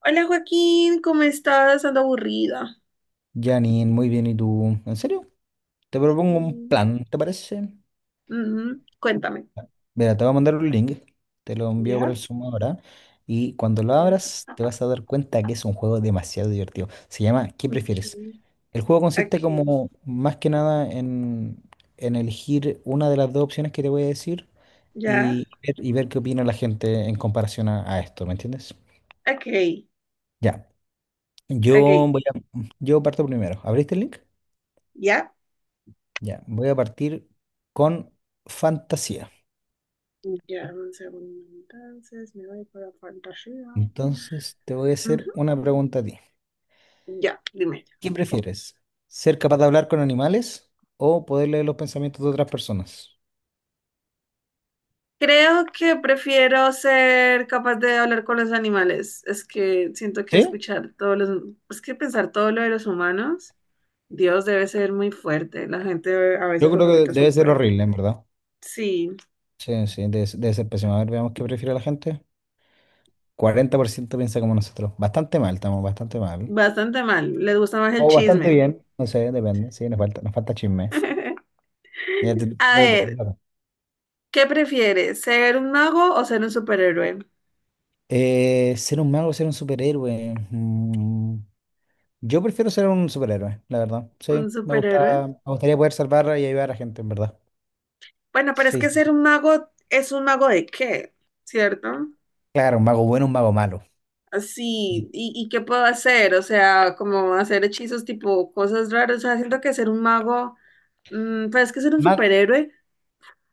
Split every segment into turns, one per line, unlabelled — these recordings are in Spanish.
Hola Joaquín, ¿cómo estás? Ando aburrida.
Janine, muy bien, ¿y tú? ¿En serio? Te propongo un
Mm.
plan, ¿te parece?
Ujú, cuéntame.
Mira, te voy a mandar un link, te lo envío por el
Ya,
Zoom ahora, y cuando lo
ya,
abras te vas a dar cuenta que es un juego demasiado divertido. Se llama ¿Qué
ok.
prefieres? El juego
Ok,
consiste como más que nada en elegir una de las dos opciones que te voy a decir
ya.
y ver qué opina la gente en comparación a esto, ¿me entiendes?
Ok,
Ya,
ok,
yo voy a, yo parto primero. ¿Abriste el link?
ya.
Ya, voy a partir con fantasía.
Ya, un segundo entonces, me voy para fantasía.
Entonces, te voy a hacer
Ujú.
una pregunta a ti.
Ya, dime.
¿Qué prefieres? ¿Ser capaz de hablar con animales o poder leer los pensamientos de otras personas?
Creo que prefiero ser capaz de hablar con los animales. Es que siento que
¿Sí?
escuchar todos los... Es que pensar todo lo de los humanos, Dios debe ser muy fuerte. La gente a
Yo
veces
creo
oculta
que
su
debe ser
peor.
horrible, en verdad.
Sí.
Sí, sí, debe ser pésimo. A ver, veamos qué prefiere la gente. 40% piensa como nosotros. Bastante mal, estamos bastante mal.
Bastante mal. Les gusta más el
O bastante
chisme.
bien, no sé, depende. Sí, nos falta chisme. Ya
A
te
ver,
toca.
¿qué prefieres? ¿Ser un mago o ser un superhéroe?
Ser un superhéroe. Mm. Yo prefiero ser un superhéroe, la verdad. Sí,
¿Un superhéroe?
me gustaría poder salvar y ayudar a gente, en verdad.
Bueno, pero es
Sí,
que
sí,
ser
sí.
un mago es un mago de qué, ¿cierto?
Claro, un mago bueno, un mago malo.
Así, ¿y qué puedo hacer? O sea, como hacer hechizos tipo cosas raras. O sea, siento que ser un mago, pero es que ser un
Ma-
superhéroe,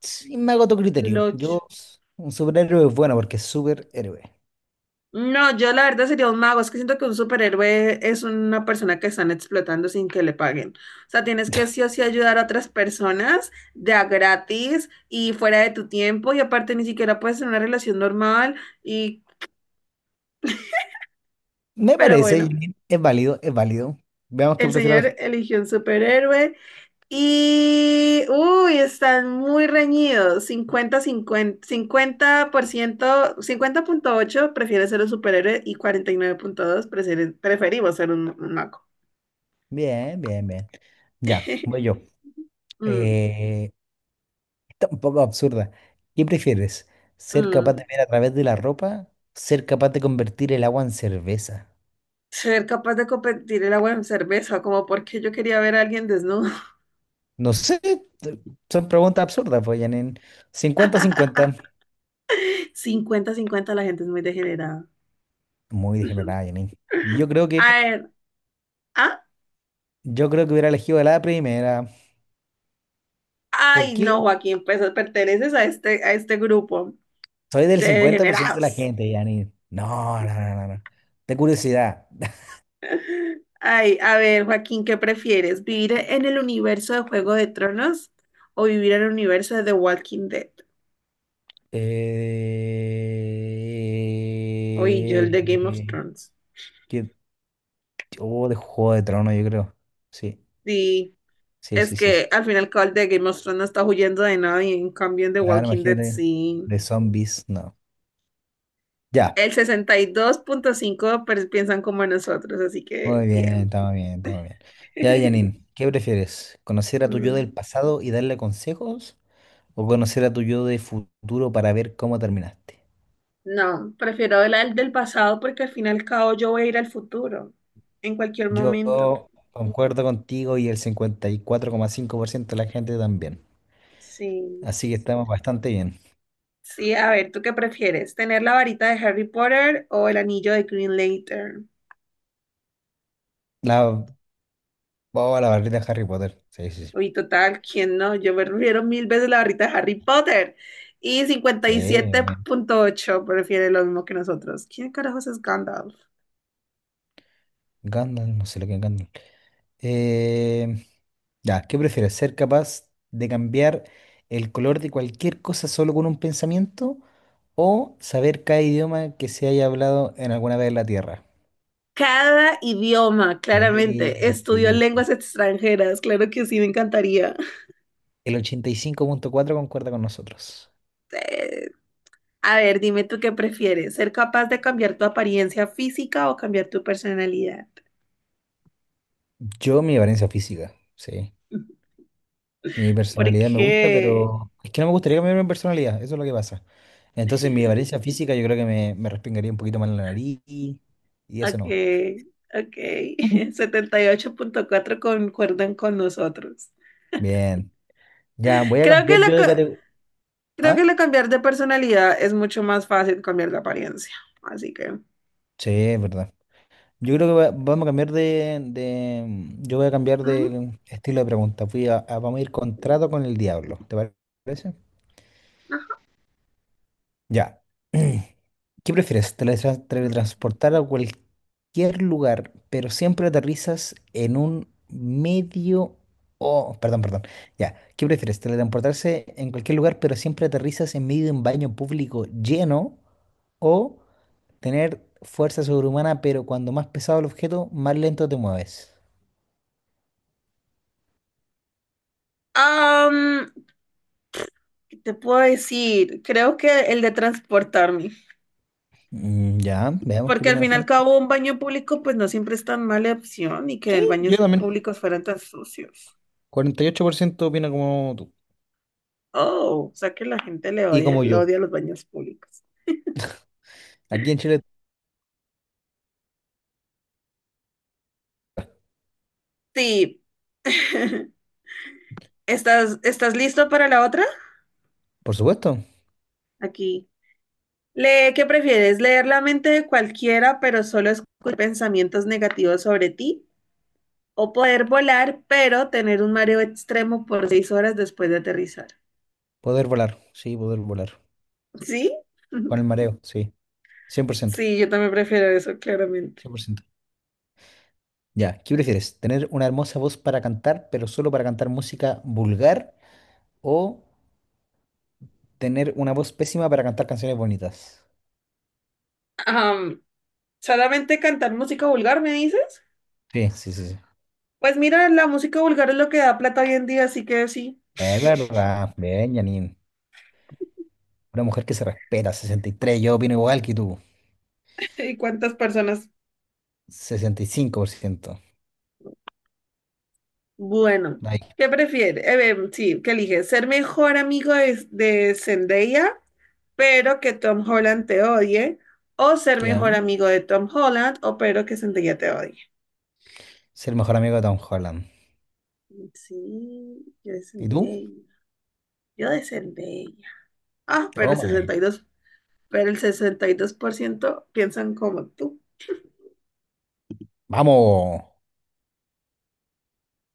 sí, me hago tu
el
criterio.
ocho.
Un superhéroe es bueno porque es superhéroe.
No, yo la verdad sería un mago. Es que siento que un superhéroe es una persona que están explotando sin que le paguen. O sea, tienes que sí o sí ayudar a otras personas de a gratis y fuera de tu tiempo. Y aparte ni siquiera puedes tener una relación normal. Y,
Me
pero
parece,
bueno,
Janine, es válido, es válido. Veamos qué
el
prefiere la
señor
gente.
eligió un superhéroe. Y, uy, están muy reñidos. Cincuenta, cincuenta, 50%, 50,8 prefiere ser un superhéroe y 49.2 preferimos ser un mago.
Bien, bien, bien. Ya, voy yo.
Mm.
Eh, está un poco absurda. ¿Qué prefieres? ¿Ser capaz
Mm,
de ver a través de la ropa? ¿Ser capaz de convertir el agua en cerveza?
ser capaz de competir el agua en cerveza, como porque yo quería ver a alguien desnudo.
No sé, t- son preguntas absurdas, pues, Janine. Cincuenta cincuenta.
50-50 la gente es muy degenerada.
Muy discriminada, Janine. Y
A ver, ¿ah?
yo creo que hubiera elegido la primera.
Ay,
Porque
no, Joaquín, pues perteneces a este grupo
soy del
de
50% de la
degenerados.
gente, Janine. No, no, no, no, no. De curiosidad.
Ay, a ver, Joaquín, ¿qué prefieres? ¿Vivir en el universo de Juego de Tronos o vivir en el universo de The Walking Dead? Oye, yo el de Game of
Eh,
Thrones.
que- oh, de Juego de Tronos, yo creo. Sí,
Sí.
sí,
Es
sí, sí, sí.
que al final el de Game of Thrones no está huyendo de nadie, en cambio en The
Claro,
Walking Dead
imagínate.
sí.
De zombies, no. Ya.
El 62.5 piensan como nosotros, así que
Muy bien,
bien.
estamos bien, estamos bien. Ya, Janine, ¿qué prefieres? ¿Conocer a tu yo
Mm.
del pasado y darle consejos? ¿O conocer a tu yo de futuro para ver cómo terminaste?
No, prefiero la del pasado porque al final y al cabo yo voy a ir al futuro, en cualquier
Yo
momento.
concuerdo contigo y el 54,5% de la gente también.
Sí.
Así que estamos bastante bien.
Sí, a ver, ¿tú qué prefieres? ¿Tener la varita de Harry Potter o el anillo de Green Lantern?
La, oh, la barrita de Harry Potter. Sí, sí, sí.
Uy, total, ¿quién no? Yo prefiero mil veces la barrita de Harry Potter. Y
Sí, obviamente.
57.8 prefiere lo mismo que nosotros. ¿Quién carajos es Gandalf?
Gandalf, no sé lo que es Gandalf. Eh, ya, ¿qué prefieres? ¿Ser capaz de cambiar el color de cualquier cosa solo con un pensamiento o saber cada idioma que se haya hablado en alguna vez en la Tierra?
Cada idioma,
Sí,
claramente. Estudio
sí,
lenguas
sí.
extranjeras, claro que sí, me encantaría.
El 85,4% concuerda con nosotros.
Eh, a ver, dime tú qué prefieres, ser capaz de cambiar tu apariencia física o cambiar tu personalidad.
Yo, mi apariencia física, sí. Mi
¿Por
personalidad me gusta,
qué?
pero es que no me gustaría cambiar mi personalidad, eso es lo que pasa. Entonces, mi apariencia física yo creo que me respingaría un poquito más la nariz y eso
Ok,
no.
ok. 78.4 concuerdan con nosotros.
Bien, ya, voy a
Creo que
cambiar
lo,
yo de
co-
categoría.
Creo que
¿Ah?
el cambiar de personalidad es mucho más fácil que cambiar de apariencia. Así que...
Sí, es verdad. Yo creo que vamos a cambiar yo voy a cambiar
Ujú,
de estilo de pregunta. Vamos a ir
sí,
contrato con el diablo. ¿Parece?
ajá.
Ya. ¿Qué prefieres? ¿Teletransportar a cualquier lugar, pero siempre aterrizas en un medio... o perdón, perdón. Ya. ¿Qué prefieres? ¿Teletransportarse en cualquier lugar, pero siempre aterrizas en medio de un baño público lleno, o tener fuerza sobrehumana, pero cuando más pesado el objeto, más lento te mueves?
Am, ¿Qué te puedo decir? Creo que el de transportarme.
Mm, ya, veamos qué
Porque al
opina la
fin y al
gente.
cabo un baño público pues no siempre es tan mala opción y que el
Sí, yo
baños
también.
públicos fueran tan sucios.
48% opina como tú.
Oh, o sea que la gente
Y como
le
yo.
odia los baños públicos.
Aquí en Chile,
Sí. ¿Estás listo para la otra?
por supuesto,
Aquí. Le ¿qué prefieres? ¿Leer la mente de cualquiera, pero solo escuchar pensamientos negativos sobre ti? ¿O poder volar, pero tener un mareo extremo por 6 horas después de aterrizar?
poder volar. Sí, poder volar.
¿Sí?
Con el mareo, sí. Cien, 100%,
Sí, yo también prefiero eso, claramente.
cien por ciento. Ya, ¿qué prefieres? ¿Tener una hermosa voz para cantar, pero solo para cantar música vulgar? ¿O tener una voz pésima para cantar canciones bonitas?
Am, ¿Solamente cantar música vulgar, me dices?
Sí, sí, sí, sí.
Pues mira, la música vulgar es lo que da plata hoy en día, así que sí.
Es verdad, bien, Janine. Una mujer que se respeta, 63. Yo opino igual que tú,
¿Y cuántas personas?
65%.
Bueno,
Ahí
¿qué prefieres? Sí, ¿qué eliges? ¿Ser mejor amigo de Zendaya pero que Tom Holland te odie, o ser
queda.
mejor amigo de Tom Holland, o pero que Zendaya te odie?
Ser el mejor amigo de Tom Holland.
Sí, yo de
¿Y tú?
Zendaya, yo de Zendaya. Ah,
Toma, eh.
pero el 62% piensan como tú.
Vamos.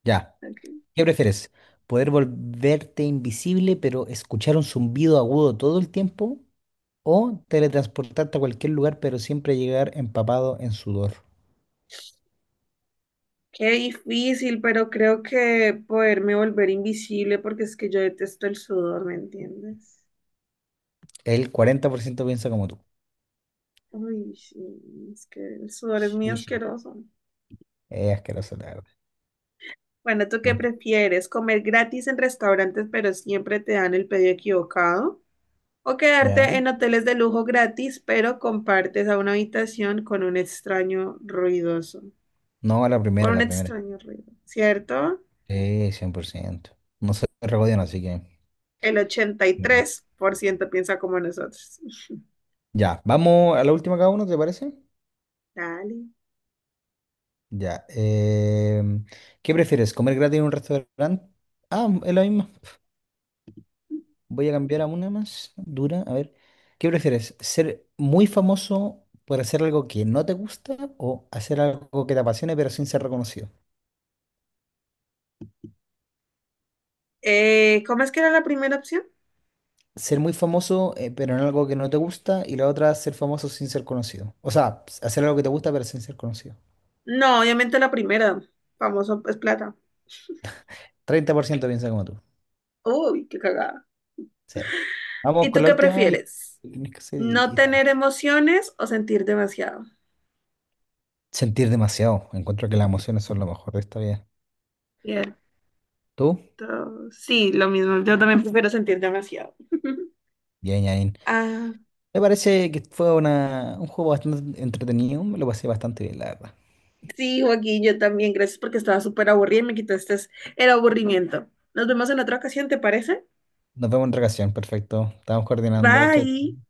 Ya.
Ok.
¿Qué prefieres? ¿Poder volverte invisible pero escuchar un zumbido agudo todo el tiempo? ¿O teletransportarte a cualquier lugar pero siempre llegar empapado en sudor?
Qué difícil, pero creo que poderme volver invisible porque es que yo detesto el sudor, ¿me entiendes?
El 40% piensa como tú.
Uy, sí, es que el sudor es muy
Sí, sí.
asqueroso.
Es asqueroso, la verdad.
Bueno, ¿tú qué
Dale.
prefieres? ¿Comer gratis en restaurantes pero siempre te dan el pedido equivocado? ¿O
Ya.
quedarte en hoteles de lujo gratis pero compartes a una habitación con un extraño ruidoso?
No, la
Con
primera,
un
la primera.
extraño ruido, ¿cierto?
Sí, 100%. No se regodean, así que...
El
mm.
83% piensa como nosotros.
Ya, vamos a la última cada uno, ¿te parece?
Dale.
Ya. ¿Qué prefieres? ¿Comer gratis en un restaurante? Ah, es la misma. Voy a cambiar a una más dura. A ver. ¿Qué prefieres? ¿Ser muy famoso por hacer algo que no te gusta o hacer algo que te apasione pero sin ser reconocido?
¿Cómo es que era la primera opción?
Ser muy famoso pero en algo que no te gusta y la otra ser famoso sin ser conocido. O sea, hacer algo que te gusta pero sin ser conocido.
No, obviamente la primera. Famoso es plata.
30% piensa como tú.
Uy, qué cagada.
Sí. Vamos
¿Y
con
tú
la
qué
última
prefieres? ¿No
y estamos.
tener emociones o sentir demasiado?
Sentir demasiado. Encuentro que las emociones son lo mejor de esta vida.
Bien.
¿Tú?
Sí, lo mismo. Yo también prefiero sentir demasiado.
Bien, Yain.
Ah,
Me parece que fue un juego bastante entretenido. Me lo pasé bastante bien, la verdad.
sí, Joaquín, yo también. Gracias porque estaba súper aburrida y me quitaste el aburrimiento. Nos vemos en otra ocasión, ¿te parece?
Nos vemos en otra ocasión. Perfecto. Estamos coordinando. Chao, chao.
Bye.